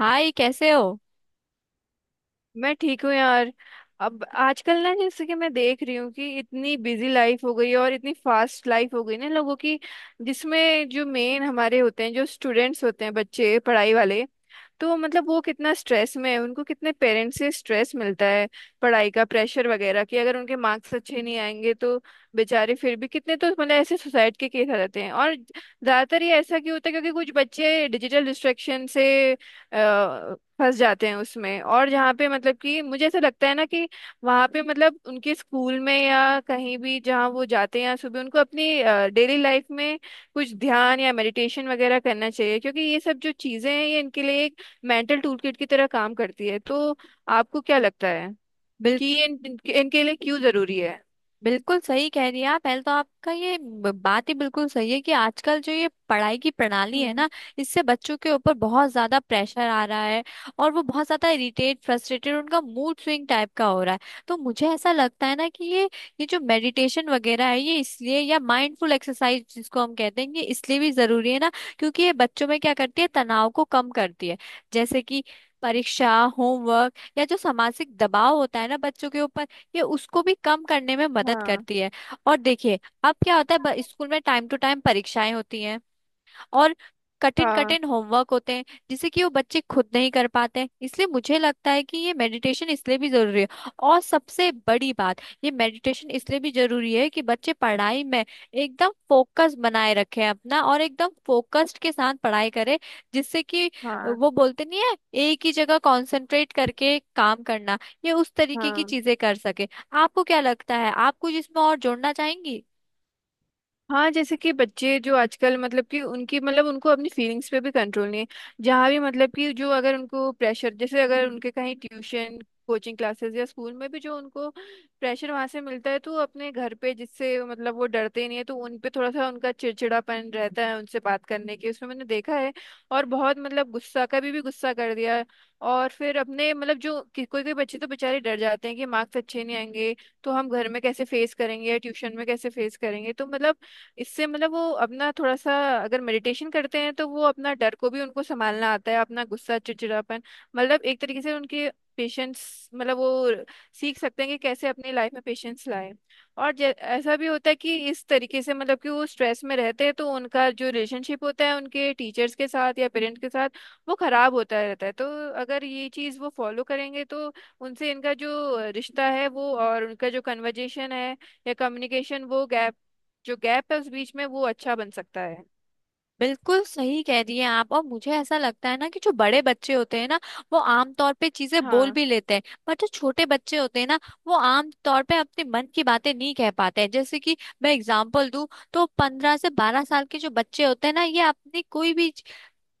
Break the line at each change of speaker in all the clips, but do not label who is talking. हाय, कैसे हो।
मैं ठीक हूँ यार। अब आजकल जैसे कि मैं देख रही हूँ कि इतनी बिजी लाइफ हो गई है और इतनी फास्ट लाइफ हो गई ना लोगों की, जिसमें जो मेन हमारे होते हैं जो स्टूडेंट्स होते हैं बच्चे पढ़ाई वाले, तो वो कितना स्ट्रेस में है, उनको कितने पेरेंट्स से स्ट्रेस मिलता है, पढ़ाई का प्रेशर वगैरह कि अगर उनके मार्क्स अच्छे नहीं आएंगे तो बेचारे फिर भी कितने, तो ऐसे सुसाइड के केस आ जाते हैं। और ज्यादातर ये ऐसा क्यों होता है, क्योंकि कुछ बच्चे डिजिटल डिस्ट्रैक्शन से फंस जाते हैं उसमें। और जहाँ पे मतलब कि मुझे ऐसा लगता है ना कि वहाँ पे उनके स्कूल में या कहीं भी जहाँ वो जाते हैं सुबह, उनको अपनी डेली लाइफ में कुछ ध्यान या मेडिटेशन वगैरह करना चाहिए, क्योंकि ये सब जो चीज़ें हैं ये इनके लिए एक मेंटल टूल किट की तरह काम करती है। तो आपको क्या लगता है
बिल,
कि ये इन, इनके इनके लिए क्यों ज़रूरी है?
बिल्कुल सही कह रही हैं आप। पहले तो आपका बात ही बिल्कुल सही है कि आजकल जो ये पढ़ाई की प्रणाली है
हम्म।
ना, इससे बच्चों के ऊपर बहुत ज्यादा प्रेशर आ रहा है। और वो बहुत ज्यादा इरिटेट, फ्रस्ट्रेटेड, उनका मूड स्विंग टाइप का हो रहा है। तो मुझे ऐसा लगता है ना कि ये जो मेडिटेशन वगैरह है ये इसलिए, या माइंडफुल एक्सरसाइज जिसको हम कहते हैं ये इसलिए भी जरूरी है ना, क्योंकि ये बच्चों में क्या करती है, तनाव को कम करती है। जैसे कि परीक्षा, होमवर्क या जो सामाजिक दबाव होता है ना बच्चों के ऊपर, ये उसको भी कम करने में मदद
हाँ।
करती है। और देखिए अब क्या होता है, स्कूल में टाइम टू टाइम परीक्षाएं होती हैं। और कठिन
हाँ,
कठिन होमवर्क होते हैं जिसे कि वो बच्चे खुद नहीं कर पाते हैं, इसलिए मुझे लगता है कि ये मेडिटेशन इसलिए भी जरूरी है। और सबसे बड़ी बात, ये मेडिटेशन इसलिए भी जरूरी है कि बच्चे पढ़ाई में एकदम फोकस बनाए रखें अपना, और एकदम फोकस्ड के साथ पढ़ाई करें, जिससे कि
हाँ,
वो बोलते नहीं है, एक ही जगह कंसंट्रेट करके काम करना, ये उस तरीके की
हाँ।
चीजें कर सके। आपको क्या लगता है, आप कुछ इसमें और जोड़ना चाहेंगी।
हाँ, जैसे कि बच्चे जो आजकल, मतलब कि उनकी उनको अपनी फीलिंग्स पे भी कंट्रोल नहीं है। जहाँ भी मतलब कि जो अगर उनको प्रेशर, जैसे अगर उनके कहीं ट्यूशन, कोचिंग क्लासेस या स्कूल में भी जो उनको प्रेशर वहाँ से मिलता है, तो अपने घर पे, जिससे वो डरते ही नहीं है, तो उन पे थोड़ा सा उनका चिड़चिड़ापन रहता है उनसे बात करने की, उसमें मैंने देखा है। और बहुत गुस्सा, कभी भी गुस्सा कर दिया है। और फिर अपने कोई कोई बच्चे तो बेचारे डर जाते हैं कि मार्क्स अच्छे नहीं आएंगे तो हम घर में कैसे फेस करेंगे या ट्यूशन में कैसे फेस करेंगे। तो इससे वो अपना थोड़ा सा, अगर मेडिटेशन करते हैं तो वो अपना डर को भी उनको संभालना आता है, अपना गुस्सा, चिड़चिड़ापन। एक तरीके से उनके पेशेंस, वो सीख सकते हैं कि कैसे अपनी लाइफ में पेशेंस लाए। और ऐसा भी होता है कि इस तरीके से मतलब कि वो स्ट्रेस में रहते हैं तो उनका जो रिलेशनशिप होता है उनके टीचर्स के साथ या पेरेंट्स के साथ, वो खराब होता रहता है। तो अगर ये चीज़ वो फॉलो करेंगे तो उनसे इनका जो रिश्ता है वो, और उनका जो कन्वर्जेशन है या कम्युनिकेशन, वो गैप जो गैप है उस बीच में वो अच्छा बन सकता है।
बिल्कुल सही कह रही हैं आप। और मुझे ऐसा लगता है ना कि जो बड़े बच्चे होते हैं ना, वो आमतौर पे चीजें बोल
हाँ।
भी लेते हैं, पर जो छोटे बच्चे होते हैं ना, वो आमतौर पे अपने मन की बातें नहीं कह पाते हैं। जैसे कि मैं एग्जांपल दूं, तो 15 से 12 साल के जो बच्चे होते हैं ना, ये अपनी कोई भी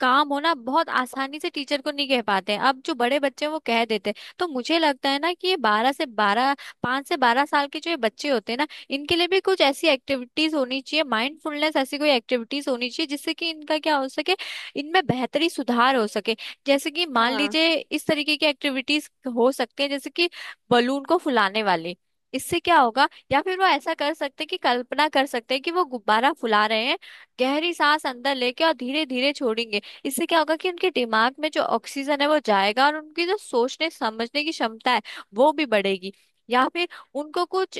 काम होना बहुत आसानी से टीचर को नहीं कह पाते हैं। अब जो बड़े बच्चे हैं वो कह देते हैं। तो मुझे लगता है ना कि ये बारह से बारह 5 से 12 साल के जो ये बच्चे होते हैं ना, इनके लिए भी कुछ ऐसी एक्टिविटीज होनी चाहिए, माइंडफुलनेस ऐसी कोई एक्टिविटीज होनी चाहिए जिससे कि इनका क्या हो सके, इनमें बेहतरी सुधार हो सके। जैसे कि मान
हाँ।
लीजिए इस तरीके की एक्टिविटीज हो सकती है, जैसे कि बलून को फुलाने वाली। इससे क्या होगा, या फिर वो ऐसा कर सकते हैं कि कल्पना कर सकते हैं कि वो गुब्बारा फुला रहे हैं, गहरी सांस अंदर लेके और धीरे धीरे छोड़ेंगे। इससे क्या होगा कि उनके दिमाग में जो ऑक्सीजन है वो जाएगा, और उनकी जो सोचने समझने की क्षमता है वो भी बढ़ेगी। या फिर उनको कुछ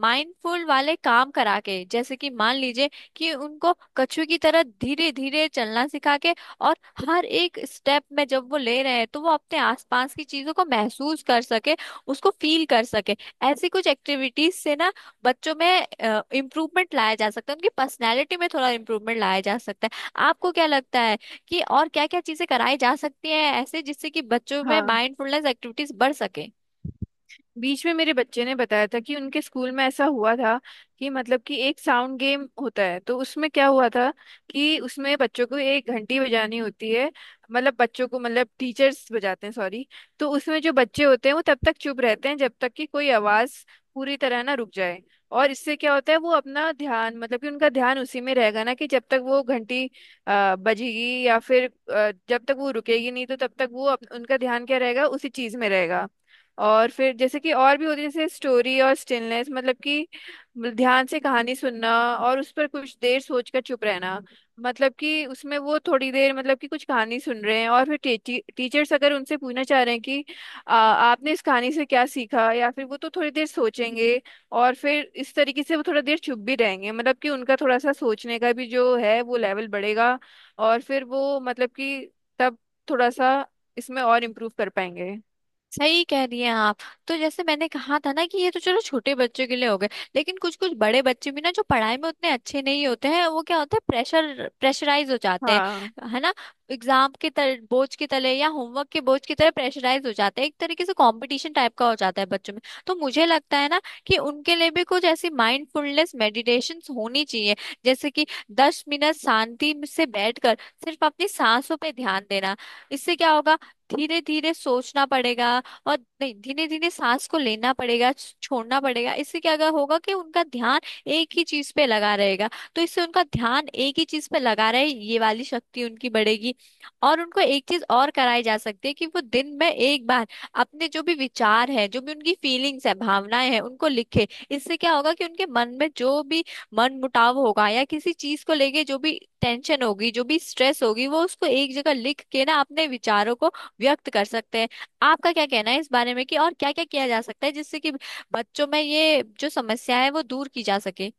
माइंडफुल वाले काम करा के, जैसे कि मान लीजिए कि उनको कछुए की तरह धीरे धीरे चलना सिखा के, और हर एक स्टेप में जब वो ले रहे हैं तो वो अपने आसपास की चीजों को महसूस कर सके, उसको फील कर सके। ऐसी कुछ एक्टिविटीज से ना बच्चों में इम्प्रूवमेंट लाया जा सकता है, उनकी पर्सनैलिटी में थोड़ा इम्प्रूवमेंट लाया जा सकता है। आपको क्या लगता है कि और क्या क्या चीजें कराई जा सकती हैं ऐसे, जिससे कि बच्चों में
हाँ,
माइंडफुलनेस एक्टिविटीज बढ़ सके।
बीच में मेरे बच्चे ने बताया था कि उनके स्कूल में ऐसा हुआ था कि एक साउंड गेम होता है। तो उसमें क्या हुआ था कि उसमें बच्चों को एक घंटी बजानी होती है, बच्चों को टीचर्स बजाते हैं, सॉरी। तो उसमें जो बच्चे होते हैं वो तब तक चुप रहते हैं जब तक कि कोई आवाज पूरी तरह ना रुक जाए। और इससे क्या होता है, वो अपना ध्यान मतलब कि उनका ध्यान उसी में रहेगा ना, कि जब तक वो घंटी बजेगी, या फिर जब तक वो रुकेगी नहीं तो तब तक वो उनका ध्यान क्या रहेगा, उसी चीज में रहेगा। और फिर जैसे कि और भी होती है, जैसे स्टोरी और स्टिलनेस, मतलब कि ध्यान से कहानी सुनना और उस पर कुछ देर सोचकर चुप रहना। मतलब कि उसमें वो थोड़ी देर मतलब कि कुछ कहानी सुन रहे हैं, और फिर टी, टी, टीचर्स अगर उनसे पूछना चाह रहे हैं कि आपने इस कहानी से क्या सीखा, या फिर वो, तो थोड़ी देर सोचेंगे और फिर इस तरीके से वो थोड़ा देर चुप भी रहेंगे। मतलब कि उनका थोड़ा सा सोचने का भी जो है वो लेवल बढ़ेगा। और फिर वो मतलब कि तब थोड़ा सा इसमें और इम्प्रूव कर पाएंगे।
सही कह रही हैं आप। तो जैसे मैंने कहा था ना कि ये तो चलो छोटे बच्चों के लिए हो गए, लेकिन कुछ कुछ बड़े बच्चे भी ना जो पढ़ाई में उतने अच्छे नहीं होते हैं, वो क्या होता है प्रेशर, प्रेशराइज हो जाते
हाँ,
हैं, है ना। बोझ के तले या होमवर्क के बोझ की तरह प्रेशराइज हो जाते हैं, एक तरीके से कंपटीशन टाइप का हो जाता है बच्चों में। तो मुझे लगता है ना कि उनके लिए भी कुछ ऐसी माइंडफुलनेस मेडिटेशन होनी चाहिए। जैसे कि 10 मिनट शांति से बैठकर सिर्फ अपनी सांसों पे ध्यान देना। इससे क्या होगा, धीरे धीरे सोचना पड़ेगा, और नहीं धीरे धीरे सांस को लेना पड़ेगा, छोड़ना पड़ेगा। इससे क्या अगर होगा कि उनका ध्यान एक ही चीज पे लगा रहेगा। तो इससे उनका ध्यान एक ही चीज पे लगा रहे, ये वाली शक्ति उनकी बढ़ेगी। और उनको एक चीज और कराई जा सकती है कि वो दिन में एक बार अपने जो भी विचार है, जो भी उनकी फीलिंग्स है, भावनाएं हैं, उनको लिखे। इससे क्या होगा कि उनके मन में जो भी मन मुटाव होगा या किसी चीज को लेके जो भी टेंशन होगी, जो भी स्ट्रेस होगी, वो उसको एक जगह लिख के ना, अपने विचारों को व्यक्त कर सकते हैं। आपका क्या कहना है इस बारे में कि और क्या क्या किया जा सकता है जिससे कि बच्चों में ये जो समस्या है वो दूर की जा सके।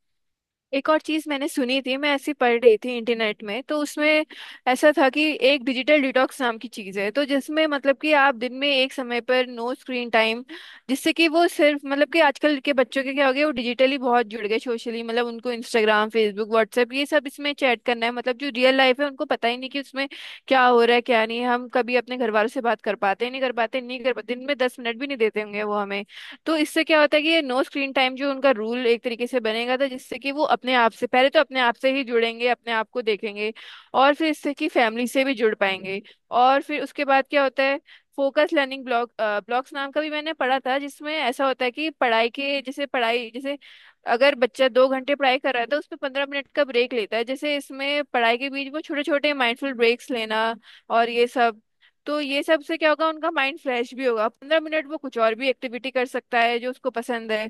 एक और चीज मैंने सुनी थी, मैं ऐसी पढ़ रही थी इंटरनेट में तो उसमें ऐसा था कि एक डिजिटल डिटॉक्स नाम की चीज है, तो जिसमें मतलब कि आप दिन में एक समय पर नो स्क्रीन टाइम, जिससे कि वो सिर्फ मतलब कि आजकल के बच्चों के क्या हो गया, वो डिजिटली बहुत जुड़ गए सोशली, उनको इंस्टाग्राम, फेसबुक, व्हाट्सएप, ये सब, इसमें चैट करना है। जो रियल लाइफ है उनको पता ही नहीं कि उसमें क्या हो रहा है क्या नहीं। हम कभी अपने घर वालों से बात कर पाते हैं, नहीं कर पाते, नहीं कर पाते, दिन में 10 मिनट भी नहीं देते होंगे वो हमें। तो इससे क्या होता है कि ये नो स्क्रीन टाइम जो उनका रूल एक तरीके से बनेगा था, जिससे कि वो अपने आप से, पहले तो अपने आप से ही जुड़ेंगे, अपने आप को देखेंगे, और फिर इससे कि फैमिली से भी जुड़ पाएंगे। और फिर उसके बाद क्या होता है, फोकस लर्निंग ब्लॉक्स नाम का भी मैंने पढ़ा था, जिसमें ऐसा होता है कि पढ़ाई के जैसे अगर बच्चा 2 घंटे पढ़ाई कर रहा है तो उसमें 15 मिनट का ब्रेक लेता है, जैसे इसमें पढ़ाई के बीच वो छोटे छोटे माइंडफुल ब्रेक्स लेना और ये सब। तो ये सब से क्या होगा, उनका माइंड फ्रेश भी होगा, 15 मिनट वो कुछ और भी एक्टिविटी कर सकता है जो उसको पसंद है।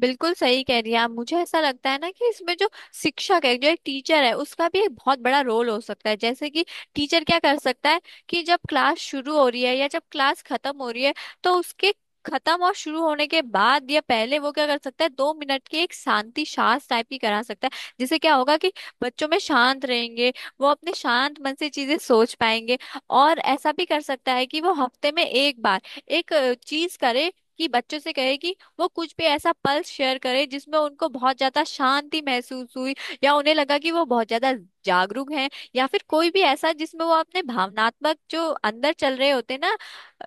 बिल्कुल सही कह रही है आप। मुझे ऐसा लगता है ना कि इसमें जो शिक्षक है, जो एक टीचर है, उसका भी एक बहुत बड़ा रोल हो सकता है। जैसे कि टीचर क्या कर सकता है, कि जब क्लास शुरू हो रही है या जब क्लास खत्म हो रही है, तो उसके खत्म और शुरू होने के बाद या पहले वो क्या कर सकता है, 2 मिनट की एक शांति सांस टाइप की करा सकता है, जिससे क्या होगा कि बच्चों में शांत रहेंगे, वो अपने शांत मन से चीजें सोच पाएंगे। और ऐसा भी कर सकता है कि वो हफ्ते में एक बार एक चीज करे, कि बच्चों से कहे कि वो कुछ भी ऐसा पल शेयर करे जिसमें उनको बहुत ज्यादा शांति महसूस हुई, या उन्हें लगा कि वो बहुत ज्यादा जागरूक हैं, या फिर कोई भी ऐसा जिसमें वो अपने भावनात्मक जो अंदर चल रहे होते ना,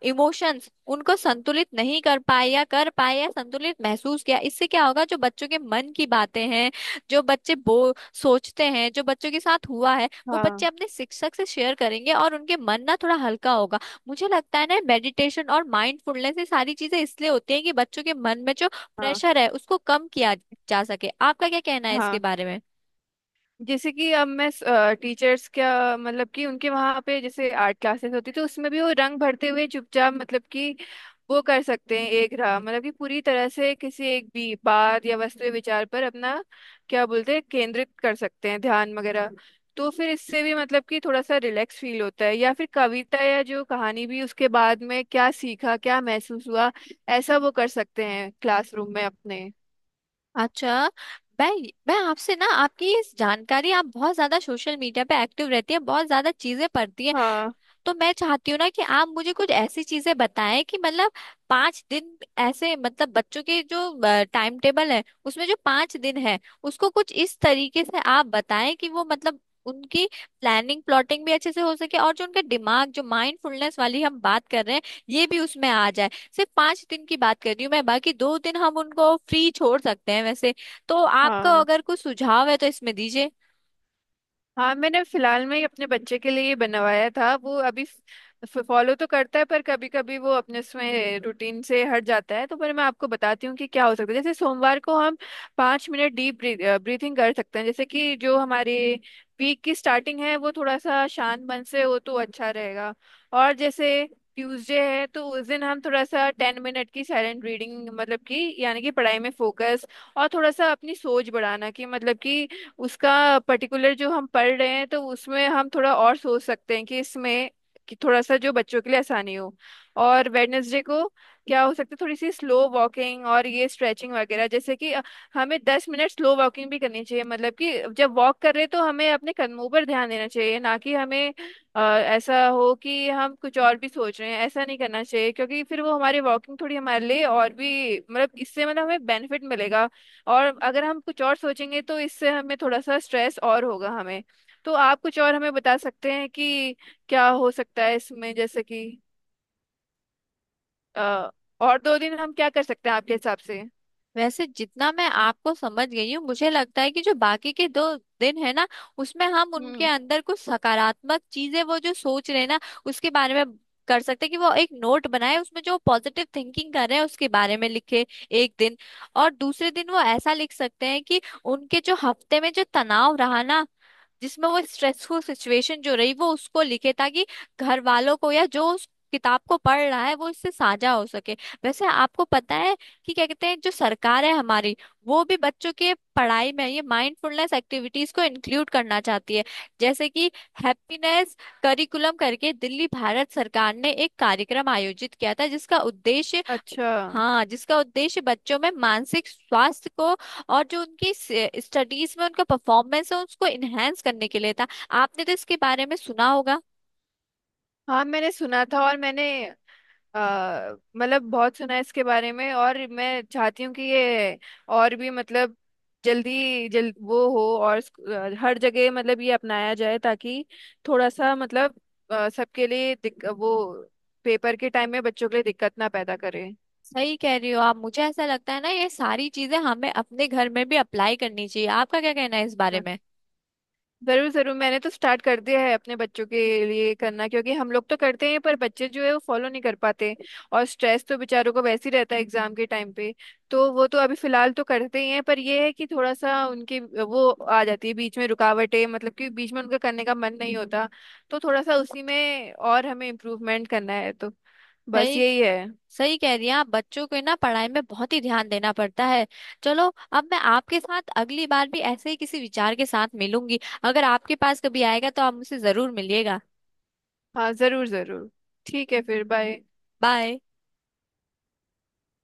इमोशंस उनको संतुलित नहीं कर पाए या कर पाए, या संतुलित महसूस किया। इससे क्या होगा, जो बच्चों के मन की बातें हैं, जो बच्चे बो सोचते हैं, जो बच्चों के साथ हुआ है, वो बच्चे
हाँ।
अपने शिक्षक से शेयर करेंगे और उनके मन ना थोड़ा हल्का होगा। मुझे लगता है ना मेडिटेशन और माइंडफुलनेस ये सारी चीजें इसलिए होती हैं कि बच्चों के मन में जो
हाँ।
प्रेशर है उसको कम किया जा सके। आपका क्या कहना है इसके
हाँ,
बारे में।
जैसे कि अब मैं, टीचर्स क्या मतलब कि उनके वहां पे, जैसे आर्ट क्लासेस होती थी, उसमें भी वो रंग भरते हुए चुपचाप, मतलब कि वो कर सकते हैं एक राह, मतलब कि पूरी तरह से किसी एक भी बात या वस्तु या विचार पर अपना क्या बोलते हैं, केंद्रित कर सकते हैं, ध्यान वगैरह। तो फिर इससे भी मतलब कि थोड़ा सा रिलैक्स फील होता है, या फिर कविता या जो कहानी, भी उसके बाद में क्या सीखा क्या महसूस हुआ, ऐसा वो कर सकते हैं क्लासरूम में अपने।
अच्छा, मैं मैं आपसे ना, आपकी इस जानकारी, आप बहुत ज्यादा सोशल मीडिया पे एक्टिव रहती है, बहुत ज्यादा चीजें पढ़ती है।
हाँ।
तो मैं चाहती हूँ ना कि आप मुझे कुछ ऐसी चीजें बताएं कि मतलब 5 दिन ऐसे, मतलब बच्चों के जो टाइम टेबल है उसमें जो 5 दिन है उसको कुछ इस तरीके से आप बताएं कि वो मतलब उनकी प्लानिंग, प्लॉटिंग भी अच्छे से हो सके, और जो उनका दिमाग जो माइंडफुलनेस वाली हम बात कर रहे हैं ये भी उसमें आ जाए। सिर्फ 5 दिन की बात कर रही हूँ मैं, बाकी 2 दिन हम उनको फ्री छोड़ सकते हैं वैसे। तो आपका
हाँ।
अगर कुछ सुझाव है तो इसमें दीजिए।
हाँ, मैंने फिलहाल में ही अपने बच्चे के लिए बनवाया था। वो अभी फॉलो तो करता है पर कभी कभी वो अपने उसमें रूटीन से हट जाता है, तो पर मैं आपको बताती हूँ कि क्या हो सकता है। जैसे सोमवार को हम 5 मिनट डीप ब्रीथिंग कर सकते हैं, जैसे कि जो हमारे वीक की स्टार्टिंग है वो थोड़ा सा शांत मन से हो तो अच्छा रहेगा। और जैसे ट्यूसडे है तो उस दिन हम थोड़ा सा 10 मिनट की साइलेंट रीडिंग, मतलब कि यानी कि पढ़ाई में फोकस और थोड़ा सा अपनी सोच बढ़ाना कि उसका पर्टिकुलर जो हम पढ़ रहे हैं तो उसमें हम थोड़ा और सोच सकते हैं कि इसमें कि थोड़ा सा जो बच्चों के लिए आसानी हो। और वेडनेसडे को क्या हो सकता है, थोड़ी सी स्लो वॉकिंग और ये स्ट्रेचिंग वगैरह, जैसे कि हमें 10 मिनट स्लो वॉकिंग भी करनी चाहिए। मतलब कि जब वॉक कर रहे हैं तो हमें अपने कदमों पर ध्यान देना चाहिए, ना कि हमें ऐसा हो कि हम कुछ और भी सोच रहे हैं, ऐसा नहीं करना चाहिए, क्योंकि फिर वो हमारी वॉकिंग थोड़ी हमारे लिए और भी इससे हमें बेनिफिट मिलेगा। और अगर हम कुछ और सोचेंगे तो इससे हमें थोड़ा सा स्ट्रेस और होगा हमें। तो आप कुछ और हमें बता सकते हैं कि क्या हो सकता है इसमें, जैसे कि अ, और दो दिन हम क्या कर सकते हैं आपके हिसाब से?
वैसे जितना मैं आपको समझ गई हूँ, मुझे लगता है कि जो बाकी के 2 दिन है ना, उसमें हम उनके
हम्म।
अंदर कुछ सकारात्मक चीजें, वो जो सोच रहे हैं ना उसके बारे में, कर सकते हैं कि वो एक नोट बनाए, उसमें जो पॉजिटिव थिंकिंग कर रहे हैं उसके बारे में लिखे, एक दिन। और दूसरे दिन वो ऐसा लिख सकते हैं कि उनके जो हफ्ते में जो तनाव रहा ना, जिसमें वो स्ट्रेसफुल सिचुएशन जो रही, वो उसको लिखे, ताकि घर वालों को या जो उस किताब को पढ़ रहा है वो इससे साझा हो सके। वैसे आपको पता है कि क्या कहते हैं, जो सरकार है हमारी वो भी बच्चों के पढ़ाई में ये माइंडफुलनेस एक्टिविटीज को इंक्लूड करना चाहती है। जैसे कि हैप्पीनेस करिकुलम करके दिल्ली भारत सरकार ने एक कार्यक्रम आयोजित किया था, जिसका उद्देश्य,
अच्छा।
हाँ, जिसका उद्देश्य बच्चों में मानसिक स्वास्थ्य को और जो उनकी स्टडीज में उनका परफॉर्मेंस है उसको इनहेंस करने के लिए था। आपने तो इसके बारे में सुना होगा।
हाँ, मैंने सुना था, और मैंने बहुत सुना है इसके बारे में। और मैं चाहती हूँ कि ये और भी जल्दी जल्द वो हो, और हर जगह ये अपनाया जाए, ताकि थोड़ा सा सबके लिए वो पेपर के टाइम में बच्चों के लिए दिक्कत ना पैदा करे।
सही कह रही हो आप, मुझे ऐसा लगता है ना ये सारी चीजें हमें अपने घर में भी अप्लाई करनी चाहिए। आपका क्या कहना है इस बारे
हाँ।
में।
जरूर जरूर, मैंने तो स्टार्ट कर दिया है अपने बच्चों के लिए करना, क्योंकि हम लोग तो करते हैं पर बच्चे जो है वो फॉलो नहीं कर पाते, और स्ट्रेस तो बेचारों को वैसे ही रहता है एग्जाम के टाइम पे। तो वो तो अभी फिलहाल तो करते ही हैं, पर ये है कि थोड़ा सा उनके वो आ जाती है बीच में रुकावटें, मतलब कि बीच में उनका करने का मन नहीं होता। तो थोड़ा सा उसी में और हमें इम्प्रूवमेंट करना है, तो बस
सही
यही है।
सही कह रही हैं आप, बच्चों को ना पढ़ाई में बहुत ही ध्यान देना पड़ता है। चलो, अब मैं आपके साथ अगली बार भी ऐसे ही किसी विचार के साथ मिलूंगी। अगर आपके पास कभी आएगा तो आप मुझसे जरूर मिलिएगा।
हाँ जरूर जरूर। ठीक है, फिर बाय।
बाय।